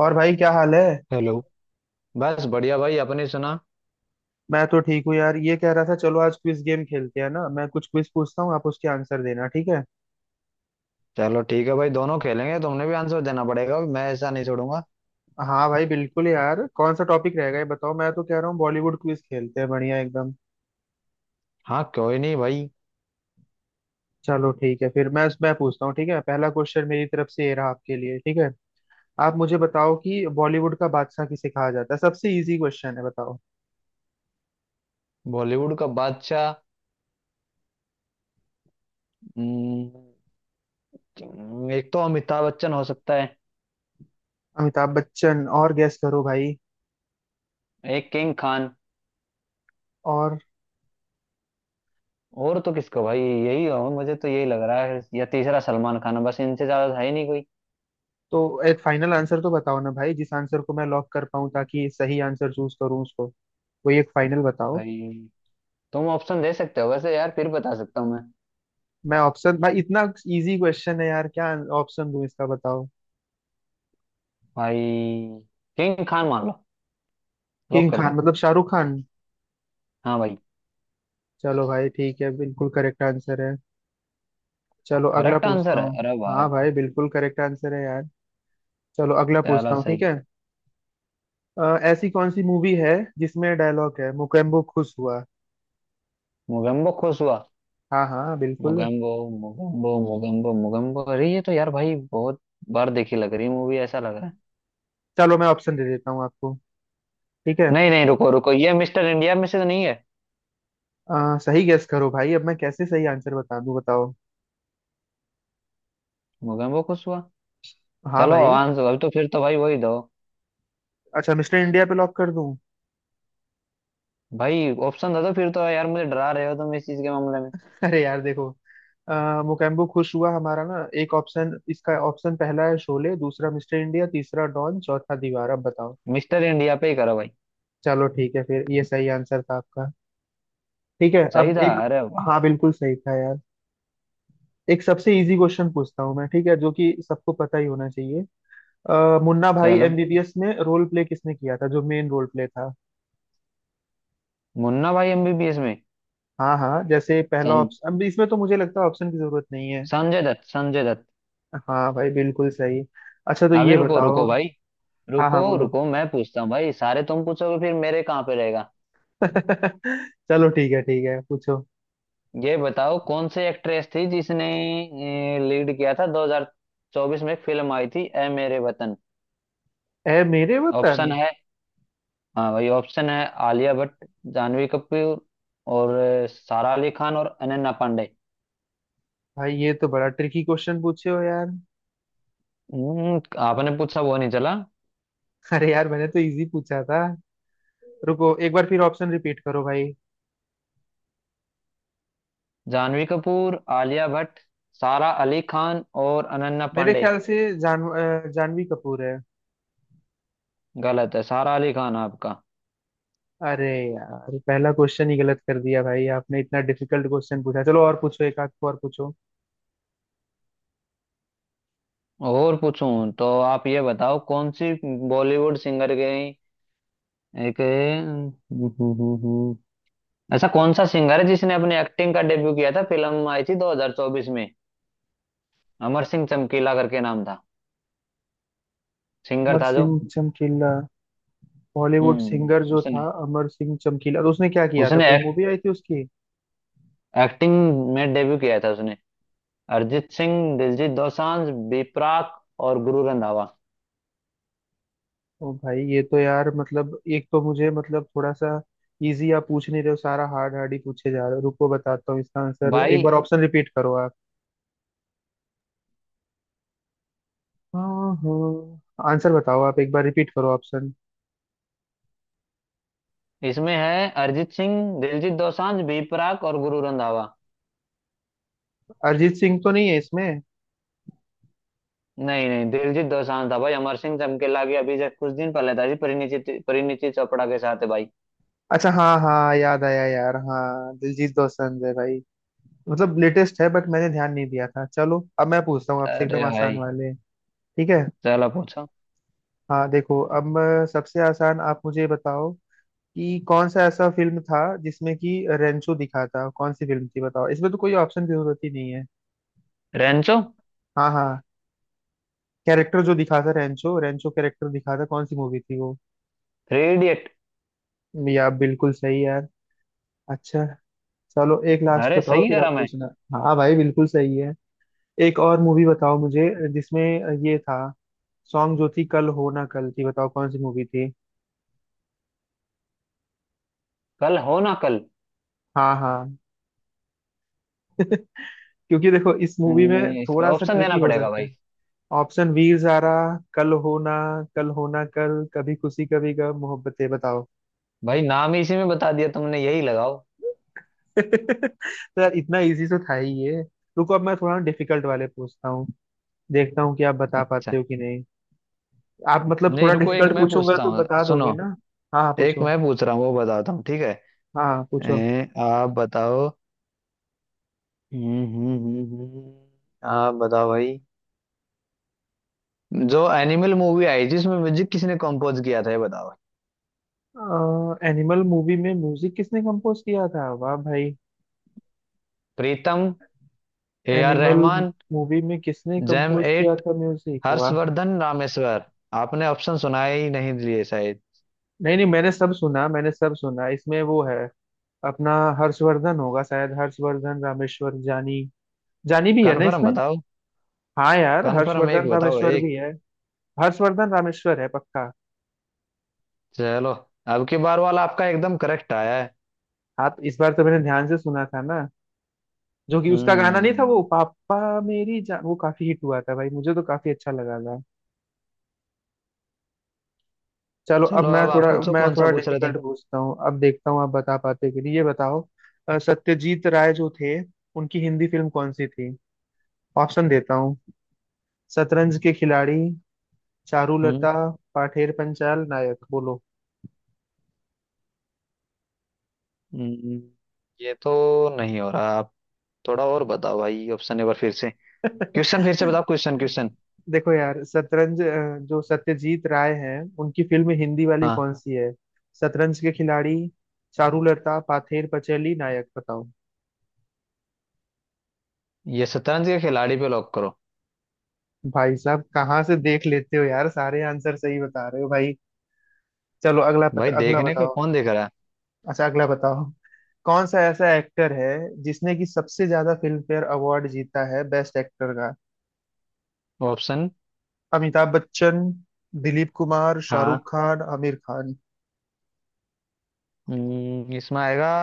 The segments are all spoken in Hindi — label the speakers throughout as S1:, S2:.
S1: और भाई क्या हाल है।
S2: हेलो। बस बढ़िया भाई अपनी सुना।
S1: मैं तो ठीक हूँ यार, ये कह रहा था चलो आज क्विज गेम खेलते हैं ना। मैं कुछ क्विज पूछता हूँ, आप उसके आंसर देना, ठीक है।
S2: चलो ठीक है भाई दोनों खेलेंगे, तुमने भी आंसर देना पड़ेगा, मैं ऐसा नहीं छोड़ूंगा।
S1: हाँ भाई बिल्कुल यार, कौन सा टॉपिक रहेगा ये बताओ। मैं तो कह रहा हूँ बॉलीवुड क्विज खेलते हैं, बढ़िया एकदम।
S2: हाँ क्यों ही नहीं भाई।
S1: चलो ठीक है फिर मैं पूछता हूँ, ठीक है। पहला क्वेश्चन मेरी तरफ से ये रहा आपके लिए, ठीक है। आप मुझे बताओ कि बॉलीवुड का बादशाह किसे कहा जाता है, सबसे इजी क्वेश्चन है, बताओ।
S2: बॉलीवुड का बादशाह, हम्म, एक तो अमिताभ बच्चन हो सकता है।
S1: अमिताभ बच्चन और गैस करो भाई।
S2: एक किंग खान।
S1: और
S2: और तो किसको भाई, यही हो, मुझे तो यही लग रहा है, या तीसरा सलमान खान है। बस इनसे ज्यादा है ही नहीं कोई।
S1: तो एक फाइनल आंसर तो बताओ ना भाई, जिस आंसर को मैं लॉक कर पाऊँ ताकि सही आंसर चूज करूँ उसको। कोई एक फाइनल बताओ।
S2: भाई तुम ऑप्शन दे सकते हो वैसे यार, फिर बता सकता हूँ मैं।
S1: मैं ऑप्शन भाई, इतना इजी क्वेश्चन है यार क्या ऑप्शन दूं इसका, बताओ।
S2: भाई किंग खान मान लो, लॉक
S1: किंग
S2: कर
S1: खान
S2: दो।
S1: मतलब शाहरुख खान।
S2: हाँ भाई।
S1: चलो भाई ठीक है, बिल्कुल करेक्ट आंसर है। चलो अगला
S2: करेक्ट
S1: पूछता
S2: आंसर है
S1: हूँ।
S2: अरे
S1: हाँ
S2: भाई।
S1: भाई बिल्कुल करेक्ट आंसर है यार। चलो अगला
S2: चलो
S1: पूछता हूँ, ठीक
S2: सही।
S1: है। ऐसी कौन सी मूवी है जिसमें डायलॉग है मुकेम्बो खुश हुआ।
S2: मोगेम्बो खुश हुआ।
S1: हाँ हाँ बिल्कुल।
S2: मोगेम्बो। मोगेम्बो अरे ये तो यार भाई बहुत बार देखी लग रही मूवी, ऐसा लग रहा है।
S1: चलो मैं ऑप्शन दे देता हूँ आपको, ठीक है।
S2: नहीं नहीं, रुको रुको ये मिस्टर इंडिया में से तो नहीं है।
S1: सही गेस करो भाई, अब मैं कैसे सही आंसर बता दूं, बताओ।
S2: मोगेम्बो खुश हुआ।
S1: हाँ
S2: चलो
S1: भाई।
S2: आंसर अब तो फिर तो भाई वही दो।
S1: अच्छा मिस्टर इंडिया पे लॉक कर दूं।
S2: भाई ऑप्शन दे दो तो फिर तो यार मुझे डरा रहे हो तुम इस चीज के मामले में।
S1: अरे यार देखो, मुकेम्बो खुश हुआ हमारा ना। एक ऑप्शन इसका, ऑप्शन पहला है शोले, दूसरा मिस्टर इंडिया, तीसरा डॉन, चौथा दीवार, अब बताओ।
S2: मिस्टर इंडिया पे ही करो भाई।
S1: चलो ठीक है फिर, ये सही आंसर था आपका। ठीक है अब
S2: सही था
S1: एक।
S2: अरे वाह।
S1: हाँ बिल्कुल सही था यार। एक सबसे इजी क्वेश्चन पूछता हूँ मैं, ठीक है, जो कि सबको पता ही होना चाहिए। मुन्ना भाई
S2: चलो
S1: एमबीबीएस में रोल प्ले किसने किया था, जो मेन रोल प्ले था।
S2: मुन्ना भाई एमबीबीएस में।
S1: हाँ हाँ जैसे पहला
S2: सं,
S1: ऑप्शन, अब इसमें तो मुझे लगता है ऑप्शन की जरूरत नहीं है।
S2: संजय दत्त। संजय दत्त।
S1: हाँ भाई बिल्कुल सही। अच्छा तो
S2: अभी
S1: ये
S2: रुको
S1: बताओ।
S2: रुको भाई,
S1: हाँ
S2: रुको
S1: हाँ बोलो।
S2: रुको मैं पूछता हूँ भाई, सारे तुम पूछोगे फिर मेरे कहाँ पे रहेगा।
S1: चलो ठीक है पूछो।
S2: ये बताओ कौन सी एक्ट्रेस थी जिसने लीड किया था 2024 में, एक फिल्म आई थी ए मेरे वतन।
S1: ए मेरे वतन।
S2: ऑप्शन है। हाँ भाई ऑप्शन है, आलिया भट्ट, जानवी कपूर और सारा अली खान और अनन्या पांडे।
S1: भाई ये तो बड़ा ट्रिकी क्वेश्चन पूछे हो यार।
S2: आपने पूछा वो नहीं चला।
S1: अरे यार मैंने तो इजी पूछा था। रुको एक बार फिर ऑप्शन रिपीट करो भाई।
S2: जानवी कपूर, आलिया भट्ट, सारा अली खान और अनन्या
S1: मेरे
S2: पांडे।
S1: ख्याल से जानवी कपूर है।
S2: गलत है, सारा अली खान आपका।
S1: अरे यार पहला क्वेश्चन ही गलत कर दिया भाई आपने, इतना डिफिकल्ट क्वेश्चन पूछा। चलो और पूछो, एक आध को और पूछो।
S2: और पूछूं तो आप ये बताओ कौन सी बॉलीवुड सिंगर गई एक ऐसा कौन सा सिंगर है जिसने अपने एक्टिंग का डेब्यू किया था, फिल्म आई थी 2024 में, अमर सिंह चमकीला करके नाम था, सिंगर
S1: अमर
S2: था जो।
S1: सिंह चमकीला। बॉलीवुड
S2: हम्म।
S1: सिंगर जो
S2: उसने
S1: था अमर सिंह चमकीला, तो उसने क्या किया था,
S2: उसने
S1: कोई मूवी आई थी उसकी।
S2: एक्टिंग में डेब्यू किया था उसने। अरिजीत सिंह, दिलजीत दोसांझ, बीपराग और गुरु रंधावा।
S1: ओ भाई ये तो यार, मतलब एक तो मुझे मतलब थोड़ा सा इजी आप पूछ नहीं रहे हो, सारा हार्ड हार्ड ही पूछे जा रहे हो। रुको बताता हूँ इसका आंसर, एक
S2: भाई
S1: बार ऑप्शन रिपीट करो आप। हाँ हाँ आंसर बताओ आप, एक बार रिपीट करो ऑप्शन।
S2: इसमें है अरिजीत सिंह, दिलजीत दोसांझ, बीपराग और गुरु रंधावा।
S1: अरिजीत सिंह तो नहीं है इसमें।
S2: नहीं नहीं, दिलजीत दोसांझ था भाई, अमर सिंह चमकीला की अभी जब कुछ दिन पहले था जी, परिणीति परिणीति चोपड़ा के साथ है भाई।
S1: अच्छा हाँ हाँ याद आया यार, हाँ दिलजीत दोसांझ है भाई। मतलब लेटेस्ट है, बट मैंने ध्यान नहीं दिया था। चलो अब मैं पूछता हूँ आपसे
S2: अरे
S1: एकदम आसान
S2: भाई।
S1: वाले, ठीक है।
S2: चलो पूछो।
S1: हाँ देखो अब, सबसे आसान आप मुझे बताओ कि कौन सा ऐसा फिल्म था जिसमें कि रेंचो दिखा था, कौन सी फिल्म थी बताओ, इसमें तो कोई ऑप्शन की जरूरत ही नहीं है।
S2: रेंचो।
S1: हाँ हाँ, कैरेक्टर जो दिखा था रेंचो, रेंचो कैरेक्टर दिखा था, कौन सी मूवी थी वो।
S2: Three idiot.
S1: या बिल्कुल सही यार। अच्छा, चलो एक लास्ट
S2: अरे
S1: बताओ
S2: सही
S1: फिर
S2: करा
S1: आप
S2: मैं।
S1: पूछना। हाँ भाई बिल्कुल सही है। एक और मूवी बताओ मुझे, जिसमें ये था सॉन्ग जो थी कल हो ना कल थी, बताओ कौन सी मूवी थी।
S2: कल हो ना कल।
S1: हाँ हाँ। क्योंकि देखो इस मूवी में
S2: इसका
S1: थोड़ा सा
S2: ऑप्शन देना
S1: ट्रिकी हो
S2: पड़ेगा
S1: सकता
S2: भाई।
S1: है। ऑप्शन, वी जारा कल होना कल होना कल कभी खुशी कभी गम मोहब्बतें, बताओ।
S2: भाई नाम ही इसी में बता दिया तुमने, यही लगाओ।
S1: तो यार इतना इजी तो था ही ये। रुको अब मैं थोड़ा डिफिकल्ट वाले पूछता हूँ, देखता हूँ कि आप बता
S2: अच्छा
S1: पाते हो कि नहीं। आप मतलब
S2: नहीं,
S1: थोड़ा
S2: रुको, एक
S1: डिफिकल्ट
S2: मैं
S1: पूछूंगा
S2: पूछता
S1: तो
S2: हूँ,
S1: बता
S2: सुनो।
S1: दोगे ना। हाँ हाँ
S2: एक
S1: पूछो।
S2: मैं पूछ रहा हूँ, वो बताता हूँ, ठीक है।
S1: हाँ हाँ, पूछो।
S2: आप बताओ। आप बताओ भाई, जो एनिमल मूवी आई जिसमें म्यूजिक किसने कंपोज किया था, ये बताओ।
S1: एनिमल मूवी में म्यूजिक किसने कंपोज किया था, वाह भाई।
S2: Pritam, A R
S1: animal
S2: Rahman,
S1: movie में किसने
S2: जैम
S1: कंपोज किया
S2: एट,
S1: था म्यूजिक, वाह।
S2: हर्षवर्धन रामेश्वर। आपने ऑप्शन सुनाए ही नहीं दिए शायद।
S1: नहीं नहीं मैंने सब सुना, मैंने सब सुना, इसमें वो है अपना, हर्षवर्धन होगा शायद, हर्षवर्धन रामेश्वर। जानी, जानी भी है ना
S2: कन्फर्म
S1: इसमें।
S2: बताओ।
S1: हाँ यार
S2: कन्फर्म एक
S1: हर्षवर्धन
S2: बताओ
S1: रामेश्वर
S2: एक।
S1: भी है। हर्षवर्धन रामेश्वर है पक्का।
S2: चलो, अब की बार वाला आपका एकदम करेक्ट आया है।
S1: हाँ तो इस बार तो मैंने ध्यान से सुना था ना। जो कि उसका गाना नहीं था वो
S2: हम्म।
S1: पापा मेरी जान, वो काफी हिट हुआ था भाई, मुझे तो काफी अच्छा लगा था। चलो अब
S2: चलो
S1: मैं
S2: अब आप
S1: थोड़ा
S2: पूछो,
S1: मैं
S2: कौन सा
S1: थोड़ा
S2: पूछ रहे थे।
S1: डिफिकल्ट पूछता हूँ, अब देखता हूँ आप बता पाते कि नहीं, ये बताओ। सत्यजीत राय जो थे उनकी हिंदी फिल्म कौन सी थी। ऑप्शन देता हूँ, शतरंज के खिलाड़ी,
S2: हम्म
S1: चारुलता, पाठेर पंचाल, नायक, बोलो।
S2: हम्म, ये तो नहीं हो रहा आप। थोड़ा और बताओ भाई, ऑप्शन एक बार फिर से। क्वेश्चन फिर से बताओं, क्वेश्चन, क्वेश्चन।
S1: देखो यार शतरंज, जो सत्यजीत राय हैं उनकी फिल्म हिंदी वाली
S2: हाँ।
S1: कौन सी है, शतरंज के खिलाड़ी, चारुलता, पाथेर पचैली, नायक, बताओ।
S2: ये शतरंज के खिलाड़ी पे लॉक करो।
S1: भाई साहब कहाँ से देख लेते हो यार, सारे आंसर सही बता रहे हो भाई। चलो अगला
S2: भाई
S1: पता, अगला
S2: देखने का
S1: बताओ।
S2: कौन देख रहा है।
S1: अच्छा अगला बताओ। कौन सा ऐसा एक्टर है जिसने की सबसे ज्यादा फिल्म फेयर अवार्ड जीता है बेस्ट एक्टर का।
S2: ऑप्शन।
S1: अमिताभ बच्चन, दिलीप कुमार,
S2: हाँ,
S1: शाहरुख खान, आमिर खान।
S2: इसमें आएगा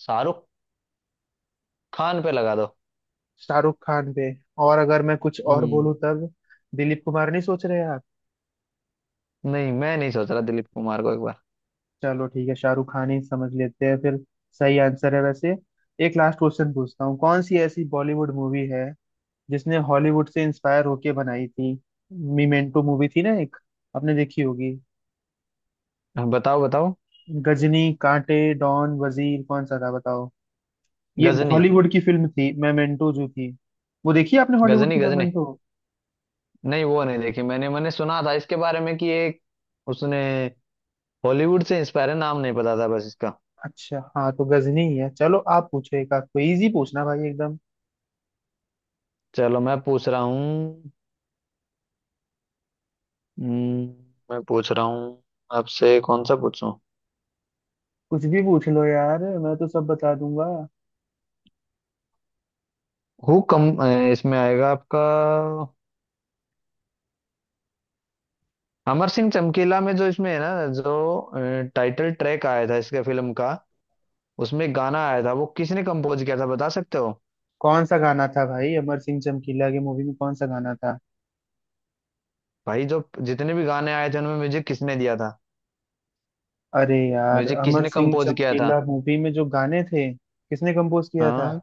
S2: शाहरुख खान पे लगा दो।
S1: शाहरुख खान पे, और अगर मैं कुछ और
S2: हम्म।
S1: बोलूं तब। दिलीप कुमार नहीं सोच रहे आप।
S2: नहीं, मैं नहीं सोच रहा दिलीप कुमार को एक बार।
S1: चलो ठीक है शाहरुख खान ही समझ लेते हैं फिर, सही आंसर है वैसे। एक लास्ट क्वेश्चन पूछता हूँ, कौन सी ऐसी बॉलीवुड मूवी है जिसने हॉलीवुड से इंस्पायर होके बनाई थी। मीमेंटो मूवी थी ना एक, आपने देखी होगी।
S2: हाँ, बताओ बताओ।
S1: गजनी, कांटे, डॉन, वजीर, कौन सा था बताओ। ये
S2: गजनी।
S1: हॉलीवुड की फिल्म थी मेमेंटो जो थी। वो देखी है आपने, हॉलीवुड
S2: गजनी
S1: की
S2: गजनी
S1: मेमेंटो।
S2: नहीं वो नहीं देखी मैंने, मैंने सुना था इसके बारे में कि एक उसने हॉलीवुड से इंस्पायर है, नाम नहीं पता था बस इसका।
S1: अच्छा हाँ तो गजनी ही है। चलो आप पूछो एक आध, कोई इजी पूछना भाई एकदम।
S2: चलो मैं पूछ रहा हूँ। हम्म, मैं पूछ रहा हूँ आपसे, कौन सा पूछूं।
S1: कुछ भी पूछ लो यार, मैं तो सब बता दूंगा।
S2: हु कम इसमें आएगा आपका। अमर सिंह चमकीला में जो इसमें है ना, जो टाइटल ट्रैक आया था इसके फिल्म का, उसमें गाना आया था वो किसने कंपोज किया था, बता सकते हो।
S1: कौन सा गाना था भाई, अमर सिंह चमकीला की मूवी में कौन सा गाना था?
S2: भाई जो जितने भी गाने आए थे उनमें म्यूजिक किसने दिया था।
S1: अरे यार
S2: म्यूजिक
S1: अमर
S2: किसने
S1: सिंह
S2: कंपोज किया था।
S1: चमकीला मूवी में जो गाने थे किसने कंपोज किया था?
S2: हाँ।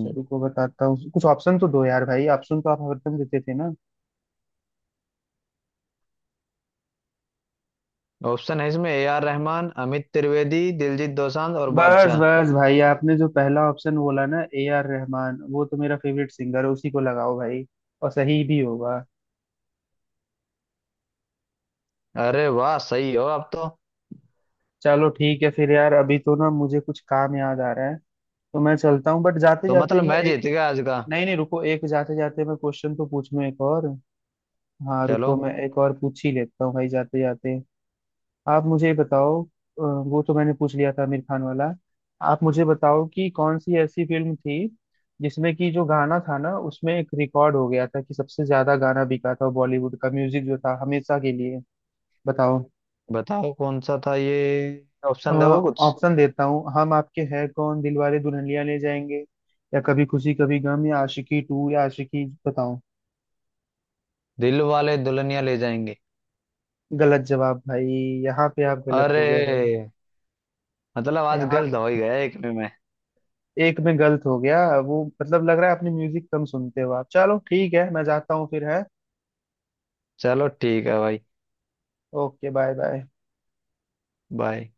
S1: चलो रुको बताता हूँ, कुछ ऑप्शन तो दो यार भाई, ऑप्शन तो आप हरदम देते थे ना।
S2: ऑप्शन है इसमें ए आर रहमान, अमित त्रिवेदी, दिलजीत दोसांझ और
S1: बस
S2: बादशाह।
S1: बस भाई, आपने जो पहला ऑप्शन बोला ना ए आर रहमान, वो तो मेरा फेवरेट सिंगर है, उसी को लगाओ भाई और सही भी होगा।
S2: अरे वाह, सही हो अब तो।
S1: चलो ठीक है फिर यार, अभी तो ना मुझे कुछ काम याद आ रहा है, तो मैं चलता हूँ, बट जाते
S2: तो
S1: जाते
S2: मतलब
S1: मैं
S2: मैं जीत
S1: एक।
S2: गया आज का।
S1: नहीं नहीं रुको, एक जाते जाते मैं क्वेश्चन तो पूछूं एक और। हाँ
S2: चलो
S1: रुको मैं एक और पूछ ही लेता हूँ भाई जाते जाते। आप मुझे ये बताओ, वो तो मैंने पूछ लिया था आमिर खान वाला। आप मुझे बताओ कि कौन सी ऐसी फिल्म थी जिसमें कि जो गाना था ना, उसमें एक रिकॉर्ड हो गया था कि सबसे ज्यादा गाना बिका था बॉलीवुड का, म्यूजिक जो था हमेशा के लिए, बताओ।
S2: बताओ कौन सा था ये, ऑप्शन दोगे कुछ।
S1: ऑप्शन देता हूँ, हम आपके है कौन, दिलवाले दुल्हनिया ले जाएंगे, या कभी खुशी कभी गम, या आशिकी 2, या आशिकी, बताओ।
S2: दिल वाले दुल्हनिया ले जाएंगे।
S1: गलत जवाब भाई। यहाँ पे आप गलत हो गए भाई।
S2: अरे, मतलब आज
S1: यहाँ
S2: गलत हो ही गया एक में मैं।
S1: एक में गलत हो गया, वो मतलब लग रहा है अपने म्यूजिक कम सुनते हो आप। चलो ठीक है मैं जाता हूँ फिर है।
S2: चलो ठीक है भाई।
S1: Okay bye bye.
S2: बाय।